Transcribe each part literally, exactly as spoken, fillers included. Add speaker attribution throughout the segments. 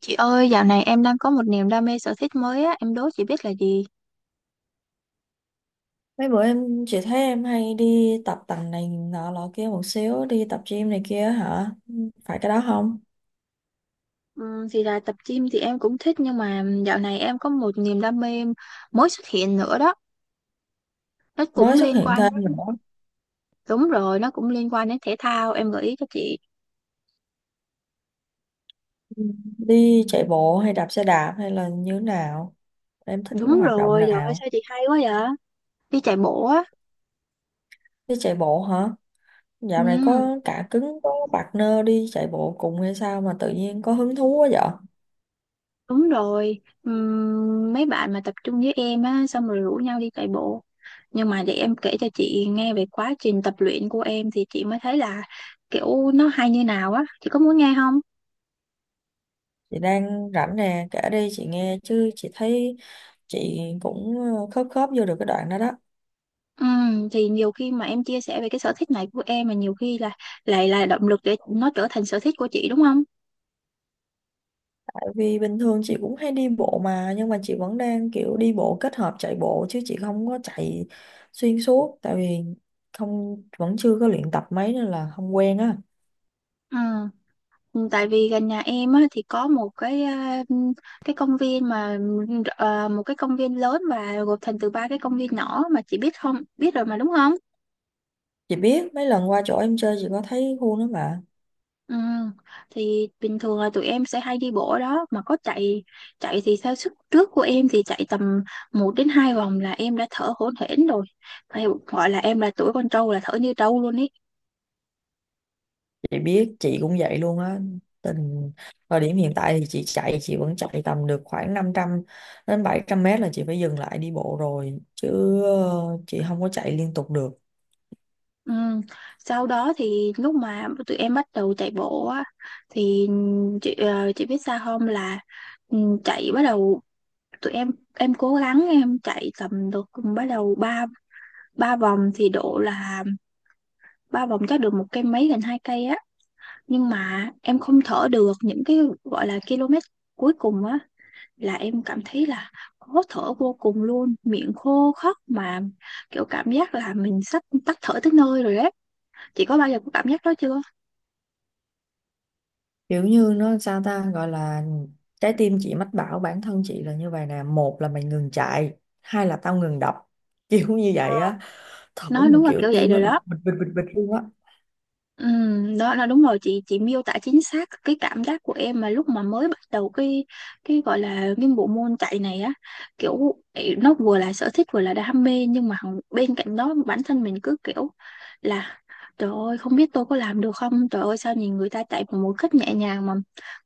Speaker 1: Chị ơi, dạo này em đang có một niềm đam mê sở thích mới á, em đố chị biết là gì?
Speaker 2: Mấy bữa em, chị thấy em hay đi tập tành này nọ lọ kia một xíu, đi tập gym này kia hả? Phải cái đó không?
Speaker 1: Ừm, thì là tập gym thì em cũng thích nhưng mà dạo này em có một niềm đam mê mới xuất hiện nữa đó. Nó
Speaker 2: Mới
Speaker 1: cũng
Speaker 2: xuất
Speaker 1: liên
Speaker 2: hiện
Speaker 1: quan
Speaker 2: thêm
Speaker 1: đến,
Speaker 2: nữa.
Speaker 1: đúng rồi, nó cũng liên quan đến thể thao, em gợi ý cho chị.
Speaker 2: Ừ. Đi chạy bộ hay đạp xe đạp hay là như thế nào? Em thích cái
Speaker 1: Đúng
Speaker 2: hoạt động
Speaker 1: rồi, trời ơi
Speaker 2: nào?
Speaker 1: sao chị hay quá vậy? Đi chạy bộ á.
Speaker 2: Đi chạy bộ hả?
Speaker 1: Ừ.
Speaker 2: Dạo này có cả cứng có partner đi chạy bộ cùng hay sao mà tự nhiên có hứng thú quá vậy?
Speaker 1: Đúng rồi. Ừm, mấy bạn mà tập trung với em á, xong rồi rủ nhau đi chạy bộ. Nhưng mà để em kể cho chị nghe về quá trình tập luyện của em thì chị mới thấy là kiểu nó hay như nào á. Chị có muốn nghe không?
Speaker 2: Chị đang rảnh nè, kể đi chị nghe, chứ chị thấy chị cũng khớp khớp vô được cái đoạn đó đó.
Speaker 1: Ừm, thì nhiều khi mà em chia sẻ về cái sở thích này của em mà nhiều khi là lại là động lực để nó trở thành sở thích của chị đúng không?
Speaker 2: Vì bình thường chị cũng hay đi bộ, mà nhưng mà chị vẫn đang kiểu đi bộ kết hợp chạy bộ, chứ chị không có chạy xuyên suốt, tại vì không vẫn chưa có luyện tập mấy nên là không quen á.
Speaker 1: Ừ. Tại vì gần nhà em á, thì có một cái, à, cái công viên mà, à, một cái công viên lớn và gộp thành từ ba cái công viên nhỏ mà chị biết không, biết rồi mà đúng không?
Speaker 2: Chị biết, mấy lần qua chỗ em chơi chị có thấy khu đó mà.
Speaker 1: Ừ, thì bình thường là tụi em sẽ hay đi bộ ở đó mà có chạy. Chạy thì theo sức trước của em thì chạy tầm một đến hai vòng là em đã thở hổn hển rồi, phải gọi là em là tuổi con trâu là thở như trâu luôn ý.
Speaker 2: Chị biết, chị cũng vậy luôn á. tình Thời điểm hiện tại thì chị chạy chị vẫn chạy tầm được khoảng năm trăm đến bảy trăm mét là chị phải dừng lại đi bộ rồi, chứ ờ, chị không có chạy liên tục được.
Speaker 1: Ừ. Sau đó thì lúc mà tụi em bắt đầu chạy bộ á thì chị, ờ, chị biết sao không là, ừ, chạy bắt đầu, tụi em em cố gắng em chạy tầm được, bắt đầu ba ba vòng thì độ là ba vòng chắc được một cây mấy, gần hai cây á, nhưng mà em không thở được những cái gọi là km cuối cùng á, là em cảm thấy là khó thở vô cùng luôn, miệng khô khóc mà kiểu cảm giác là mình sắp tắt thở tới nơi rồi đấy. Chị có bao giờ có cảm giác đó chưa?
Speaker 2: Kiểu như nó sao ta, gọi là trái tim chị mách bảo bản thân chị là như vậy nè: một là mày ngừng chạy, hai là tao ngừng đập, kiểu như vậy á. Thở
Speaker 1: Nói
Speaker 2: một
Speaker 1: đúng là
Speaker 2: kiểu,
Speaker 1: kiểu vậy
Speaker 2: tim nó
Speaker 1: rồi
Speaker 2: đập
Speaker 1: đó.
Speaker 2: bịch bịch bịch bịch luôn á.
Speaker 1: Ừ, đó là đúng rồi. Chị chị miêu tả chính xác cái cảm giác của em mà lúc mà mới bắt đầu cái cái gọi là cái bộ môn chạy này á, kiểu ấy, nó vừa là sở thích vừa là đam mê nhưng mà hằng- bên cạnh đó bản thân mình cứ kiểu là trời ơi không biết tôi có làm được không, trời ơi sao nhìn người ta chạy bằng một cách nhẹ nhàng mà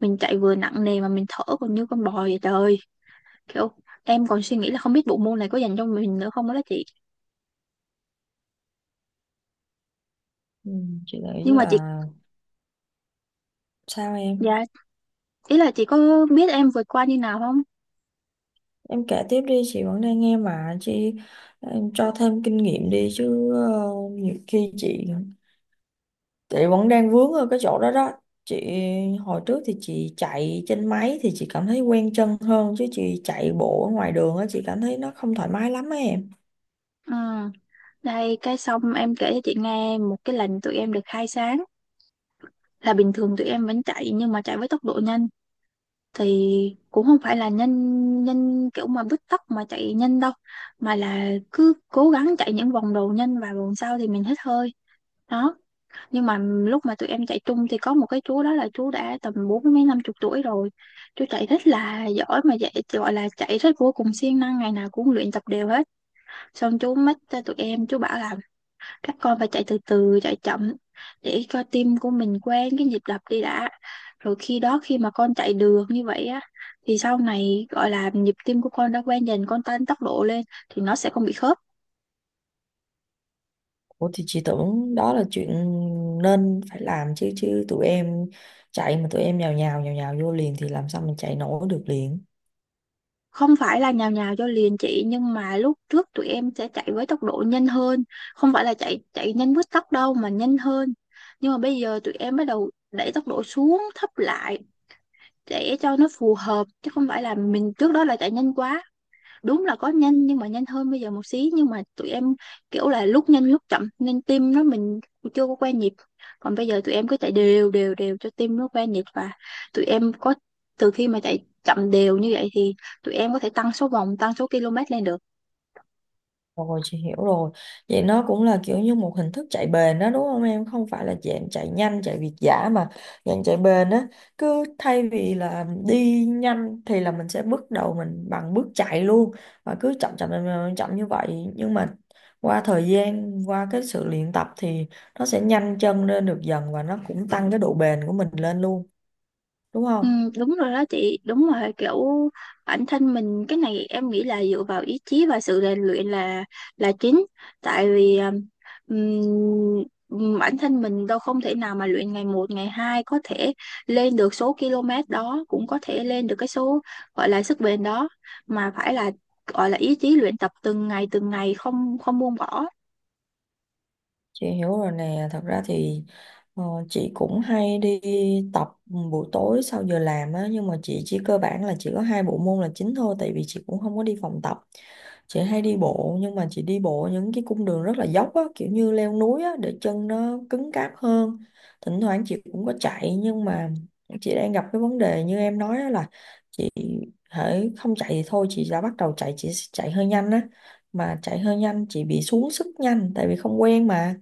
Speaker 1: mình chạy vừa nặng nề mà mình thở còn như con bò vậy trời ơi. Kiểu em còn suy nghĩ là không biết bộ môn này có dành cho mình nữa không đó chị.
Speaker 2: Ừ, chị nghĩ
Speaker 1: Nhưng mà chị,
Speaker 2: là sao
Speaker 1: dạ,
Speaker 2: em.
Speaker 1: ý là chị có biết em vượt qua như nào không?
Speaker 2: Em kể tiếp đi, chị vẫn đang nghe mà. Chị em cho thêm kinh nghiệm đi chứ. ờ, Nhiều khi chị, chị vẫn đang vướng ở cái chỗ đó đó. Chị hồi trước thì chị chạy trên máy thì chị cảm thấy quen chân hơn, chứ chị chạy bộ ở ngoài đường á, chị cảm thấy nó không thoải mái lắm á em.
Speaker 1: Ừ. Đây, cái xong em kể cho chị nghe một cái lần tụi em được khai sáng là bình thường tụi em vẫn chạy nhưng mà chạy với tốc độ nhanh thì cũng không phải là nhanh nhanh kiểu mà bứt tốc mà chạy nhanh đâu, mà là cứ cố gắng chạy những vòng đầu nhanh và vòng sau thì mình hít hơi đó. Nhưng mà lúc mà tụi em chạy chung thì có một cái chú đó, là chú đã tầm bốn mấy năm chục tuổi rồi, chú chạy rất là giỏi mà dạy, gọi là chạy rất vô cùng siêng năng, ngày nào cũng luyện tập đều hết. Xong chú mách cho tụi em, chú bảo là các con phải chạy từ từ, chạy chậm để cho tim của mình quen cái nhịp đập đi đã, rồi khi đó khi mà con chạy được như vậy á thì sau này gọi là nhịp tim của con đã quen dần, con tăng tốc độ lên thì nó sẽ không bị khớp.
Speaker 2: Ủa, thì chị tưởng đó là chuyện nên phải làm chứ chứ tụi em chạy mà tụi em nhào nhào nhào nhào vô liền thì làm sao mình chạy nổi được liền.
Speaker 1: Không phải là nhào nhào cho liền chị, nhưng mà lúc trước tụi em sẽ chạy với tốc độ nhanh hơn, không phải là chạy chạy nhanh với tốc đâu mà nhanh hơn, nhưng mà bây giờ tụi em bắt đầu đẩy tốc độ xuống thấp lại để cho nó phù hợp chứ không phải là mình trước đó là chạy nhanh quá. Đúng là có nhanh nhưng mà nhanh hơn bây giờ một xí, nhưng mà tụi em kiểu là lúc nhanh lúc chậm nên tim nó mình chưa có quen nhịp. Còn bây giờ tụi em cứ chạy đều đều đều cho tim nó quen nhịp và tụi em có, từ khi mà chạy chậm đều như vậy thì tụi em có thể tăng số vòng, tăng số km lên được.
Speaker 2: Rồi chị hiểu rồi. Vậy nó cũng là kiểu như một hình thức chạy bền đó đúng không em? Không phải là dạng chạy nhanh, chạy việt dã, mà dạng chạy bền á. Cứ thay vì là đi nhanh thì là mình sẽ bước đầu mình bằng bước chạy luôn, và cứ chậm chậm chậm, chậm chậm như vậy. Nhưng mà qua thời gian, qua cái sự luyện tập thì nó sẽ nhanh chân lên được dần, và nó cũng tăng cái độ bền của mình lên luôn, đúng
Speaker 1: Ừ,
Speaker 2: không?
Speaker 1: đúng rồi đó chị, đúng rồi kiểu bản thân mình, cái này em nghĩ là dựa vào ý chí và sự rèn luyện là là chính. Tại vì à, ừm, ừm, bản thân mình đâu không thể nào mà luyện ngày một ngày hai có thể lên được số km đó, cũng có thể lên được cái số gọi là sức bền đó, mà phải là gọi là ý chí luyện tập từng ngày từng ngày, không không buông bỏ.
Speaker 2: Chị hiểu rồi nè. Thật ra thì ờ, chị cũng hay đi tập buổi tối sau giờ làm á, nhưng mà chị chỉ cơ bản là chỉ có hai bộ môn là chính thôi, tại vì chị cũng không có đi phòng tập. Chị hay đi bộ, nhưng mà chị đi bộ những cái cung đường rất là dốc á, kiểu như leo núi á, để chân nó cứng cáp hơn. Thỉnh thoảng chị cũng có chạy, nhưng mà chị đang gặp cái vấn đề như em nói á, là chị hễ không chạy thì thôi, chị đã bắt đầu chạy, chị sẽ chạy hơi nhanh á. Mà chạy hơi nhanh chị bị xuống sức nhanh tại vì không quen mà,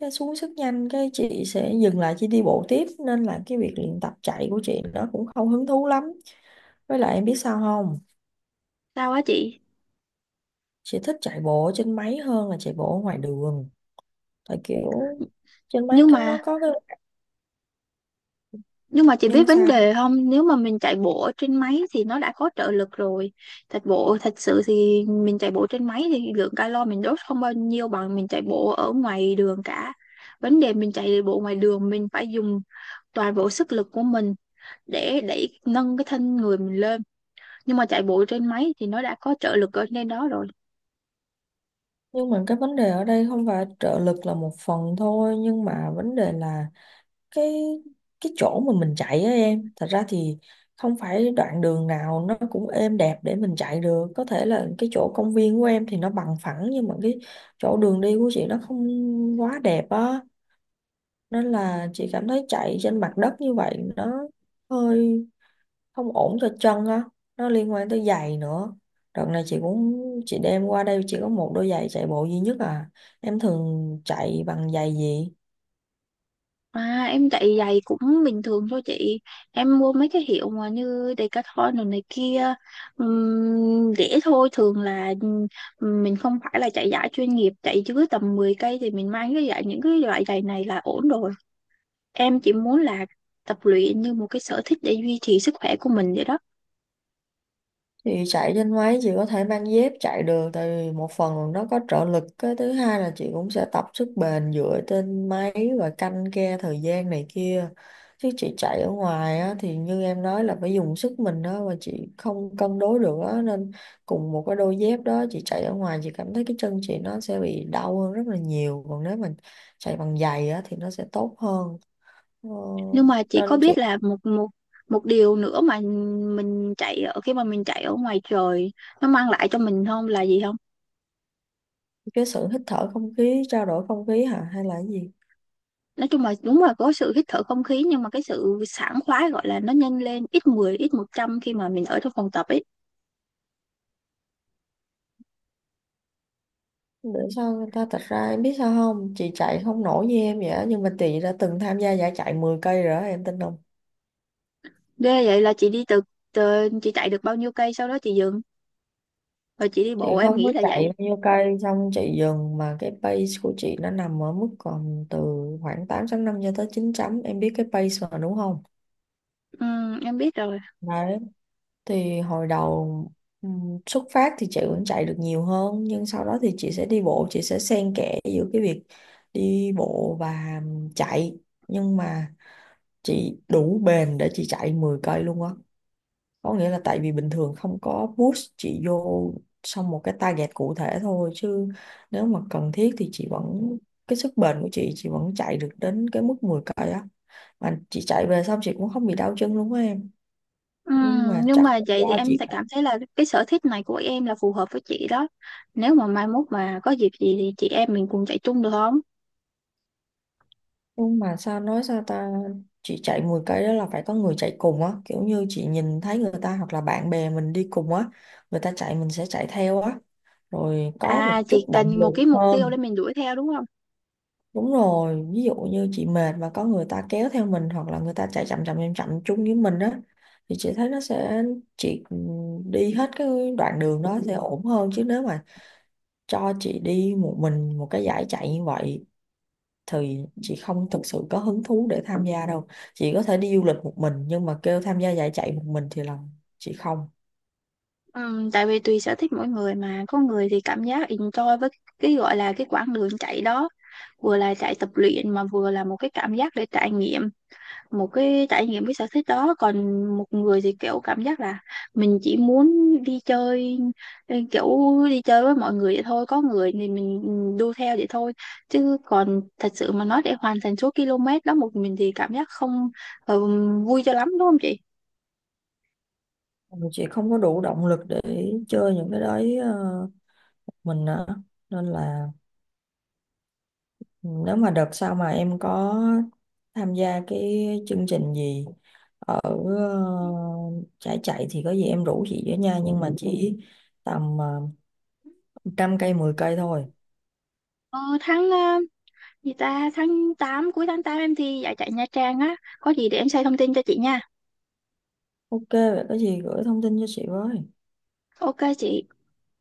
Speaker 2: cái xuống sức nhanh cái chị sẽ dừng lại chị đi bộ tiếp, nên là cái việc luyện tập chạy của chị nó cũng không hứng thú lắm. Với lại em biết sao không,
Speaker 1: Sao á chị?
Speaker 2: chị thích chạy bộ ở trên máy hơn là chạy bộ ở ngoài đường. Tại kiểu trên máy
Speaker 1: nhưng
Speaker 2: cái
Speaker 1: mà
Speaker 2: nó có cái
Speaker 1: Nhưng mà chị biết
Speaker 2: nhân
Speaker 1: vấn
Speaker 2: sao.
Speaker 1: đề không? Nếu mà mình chạy bộ ở trên máy thì nó đã có trợ lực rồi. Thật bộ thật sự thì mình chạy bộ trên máy thì lượng calo mình đốt không bao nhiêu bằng mình chạy bộ ở ngoài đường cả. Vấn đề mình chạy bộ ngoài đường mình phải dùng toàn bộ sức lực của mình để đẩy nâng cái thân người mình lên. Nhưng mà chạy bộ trên máy thì nó đã có trợ lực ở trên đó rồi.
Speaker 2: Nhưng mà cái vấn đề ở đây không phải trợ lực là một phần thôi, nhưng mà vấn đề là cái cái chỗ mà mình chạy á em, thật ra thì không phải đoạn đường nào nó cũng êm đẹp để mình chạy được. Có thể là cái chỗ công viên của em thì nó bằng phẳng, nhưng mà cái chỗ đường đi của chị nó không quá đẹp á, nên là chị cảm thấy chạy trên mặt đất như vậy nó hơi không ổn cho chân á. Nó liên quan tới giày nữa. Đợt này chị cũng chị đem qua đây chỉ có một đôi giày chạy bộ duy nhất à. Em thường chạy bằng giày gì?
Speaker 1: À, em chạy giày cũng bình thường thôi chị. Em mua mấy cái hiệu mà như Decathlon rồi này kia, ừm, rẻ thôi. Thường là ừm, mình không phải là chạy giải chuyên nghiệp, chạy dưới tầm mười cây thì mình mang cái giày, những cái loại giày này là ổn rồi. Em chỉ muốn là tập luyện như một cái sở thích để duy trì sức khỏe của mình vậy đó.
Speaker 2: Chị chạy trên máy chị có thể mang dép chạy được, tại vì một phần là nó có trợ lực, cái thứ hai là chị cũng sẽ tập sức bền dựa trên máy và canh ke thời gian này kia, chứ chị chạy ở ngoài á, thì như em nói là phải dùng sức mình đó, và chị không cân đối được á, nên cùng một cái đôi dép đó chị chạy ở ngoài chị cảm thấy cái chân chị nó sẽ bị đau hơn rất là nhiều, còn nếu mà chạy bằng giày á, thì nó sẽ tốt hơn. ờ,
Speaker 1: Nhưng mà chị có
Speaker 2: Nên chị
Speaker 1: biết là một một một điều nữa mà mình chạy ở khi mà mình chạy ở ngoài trời nó mang lại cho mình không là gì?
Speaker 2: cái sự hít thở không khí, trao đổi không khí hả, hay là cái gì?
Speaker 1: Nói chung là đúng là có sự hít thở không khí, nhưng mà cái sự sảng khoái gọi là nó nhân lên ít mười ít một trăm khi mà mình ở trong phòng tập ấy.
Speaker 2: Để sao người ta, thật ra em biết sao không, chị chạy không nổi như em vậy á, nhưng mà chị đã từng tham gia giải chạy mười cây rồi đó, em tin không?
Speaker 1: Ghê vậy là chị đi từ, từ chị chạy được bao nhiêu cây sau đó chị dừng rồi chị đi
Speaker 2: Chị
Speaker 1: bộ em
Speaker 2: không
Speaker 1: nghĩ
Speaker 2: có
Speaker 1: là
Speaker 2: chạy
Speaker 1: vậy.
Speaker 2: bao nhiêu cây xong chị dừng, mà cái pace của chị nó nằm ở mức còn từ khoảng tám chấm năm cho tới chín chấm. Em biết cái pace mà, đúng không?
Speaker 1: Ừ, em biết rồi.
Speaker 2: Đấy. Thì hồi đầu ừm, xuất phát thì chị vẫn chạy được nhiều hơn, nhưng sau đó thì chị sẽ đi bộ. Chị sẽ xen kẽ giữa cái việc đi bộ và chạy. Nhưng mà chị đủ bền để chị chạy mười cây luôn á, có nghĩa là tại vì bình thường không có push chị vô xong một cái target cụ thể thôi, chứ nếu mà cần thiết thì chị vẫn, cái sức bền của chị chị vẫn chạy được đến cái mức mười cây á, mà chị chạy về xong chị cũng không bị đau chân luôn á em.
Speaker 1: Ừ,
Speaker 2: Nhưng mà
Speaker 1: nhưng
Speaker 2: chắc
Speaker 1: mà
Speaker 2: là
Speaker 1: vậy thì
Speaker 2: do
Speaker 1: em
Speaker 2: chị.
Speaker 1: tại cảm thấy là cái sở thích này của em là phù hợp với chị đó, nếu mà mai mốt mà có dịp gì thì chị em mình cùng chạy chung được không?
Speaker 2: Nhưng mà sao nói sao ta, chị chạy mười cây đó là phải có người chạy cùng á, kiểu như chị nhìn thấy người ta hoặc là bạn bè mình đi cùng á, người ta chạy mình sẽ chạy theo á, rồi có một
Speaker 1: À
Speaker 2: chút
Speaker 1: chị
Speaker 2: động
Speaker 1: cần một
Speaker 2: lực
Speaker 1: cái mục tiêu để
Speaker 2: hơn.
Speaker 1: mình đuổi theo đúng không?
Speaker 2: Đúng rồi, ví dụ như chị mệt mà có người ta kéo theo mình, hoặc là người ta chạy chậm chậm chậm chậm chung với mình á, thì chị thấy nó sẽ, chị ừ, đi hết cái đoạn đường đó sẽ ổn hơn, chứ nếu mà cho chị đi một mình một cái dải chạy như vậy thì chị không thực sự có hứng thú để tham gia đâu. Chị có thể đi du lịch một mình, nhưng mà kêu tham gia dải chạy một mình thì là chị không.
Speaker 1: Ừm, tại vì tùy sở thích mỗi người mà có người thì cảm giác enjoy với cái gọi là cái quãng đường chạy đó, vừa là chạy tập luyện mà vừa là một cái cảm giác để trải nghiệm một cái trải nghiệm cái sở thích đó. Còn một người thì kiểu cảm giác là mình chỉ muốn đi chơi, kiểu đi chơi với mọi người vậy thôi. Có người thì mình ừ, đu theo vậy thôi, chứ còn thật sự mà nói để hoàn thành số km đó một mình thì cảm giác không ờ, vui cho lắm đúng không chị?
Speaker 2: Chị không có đủ động lực để chơi những cái đấy ờ, mình á, nên là. Ừ, nếu mà đợt sau mà em có tham gia cái chương trình gì ở ờ, trải chạy thì có gì em rủ chị với nha, nhưng mà chỉ tầm ờ, trăm cây mười cây thôi.
Speaker 1: Ờ, tháng ờ, gì ta, tháng tám, cuối tháng tám em thi giải chạy Nha Trang á, có gì để em share thông tin cho chị nha.
Speaker 2: Ok, vậy có gì gửi thông tin cho chị với.
Speaker 1: Ok chị.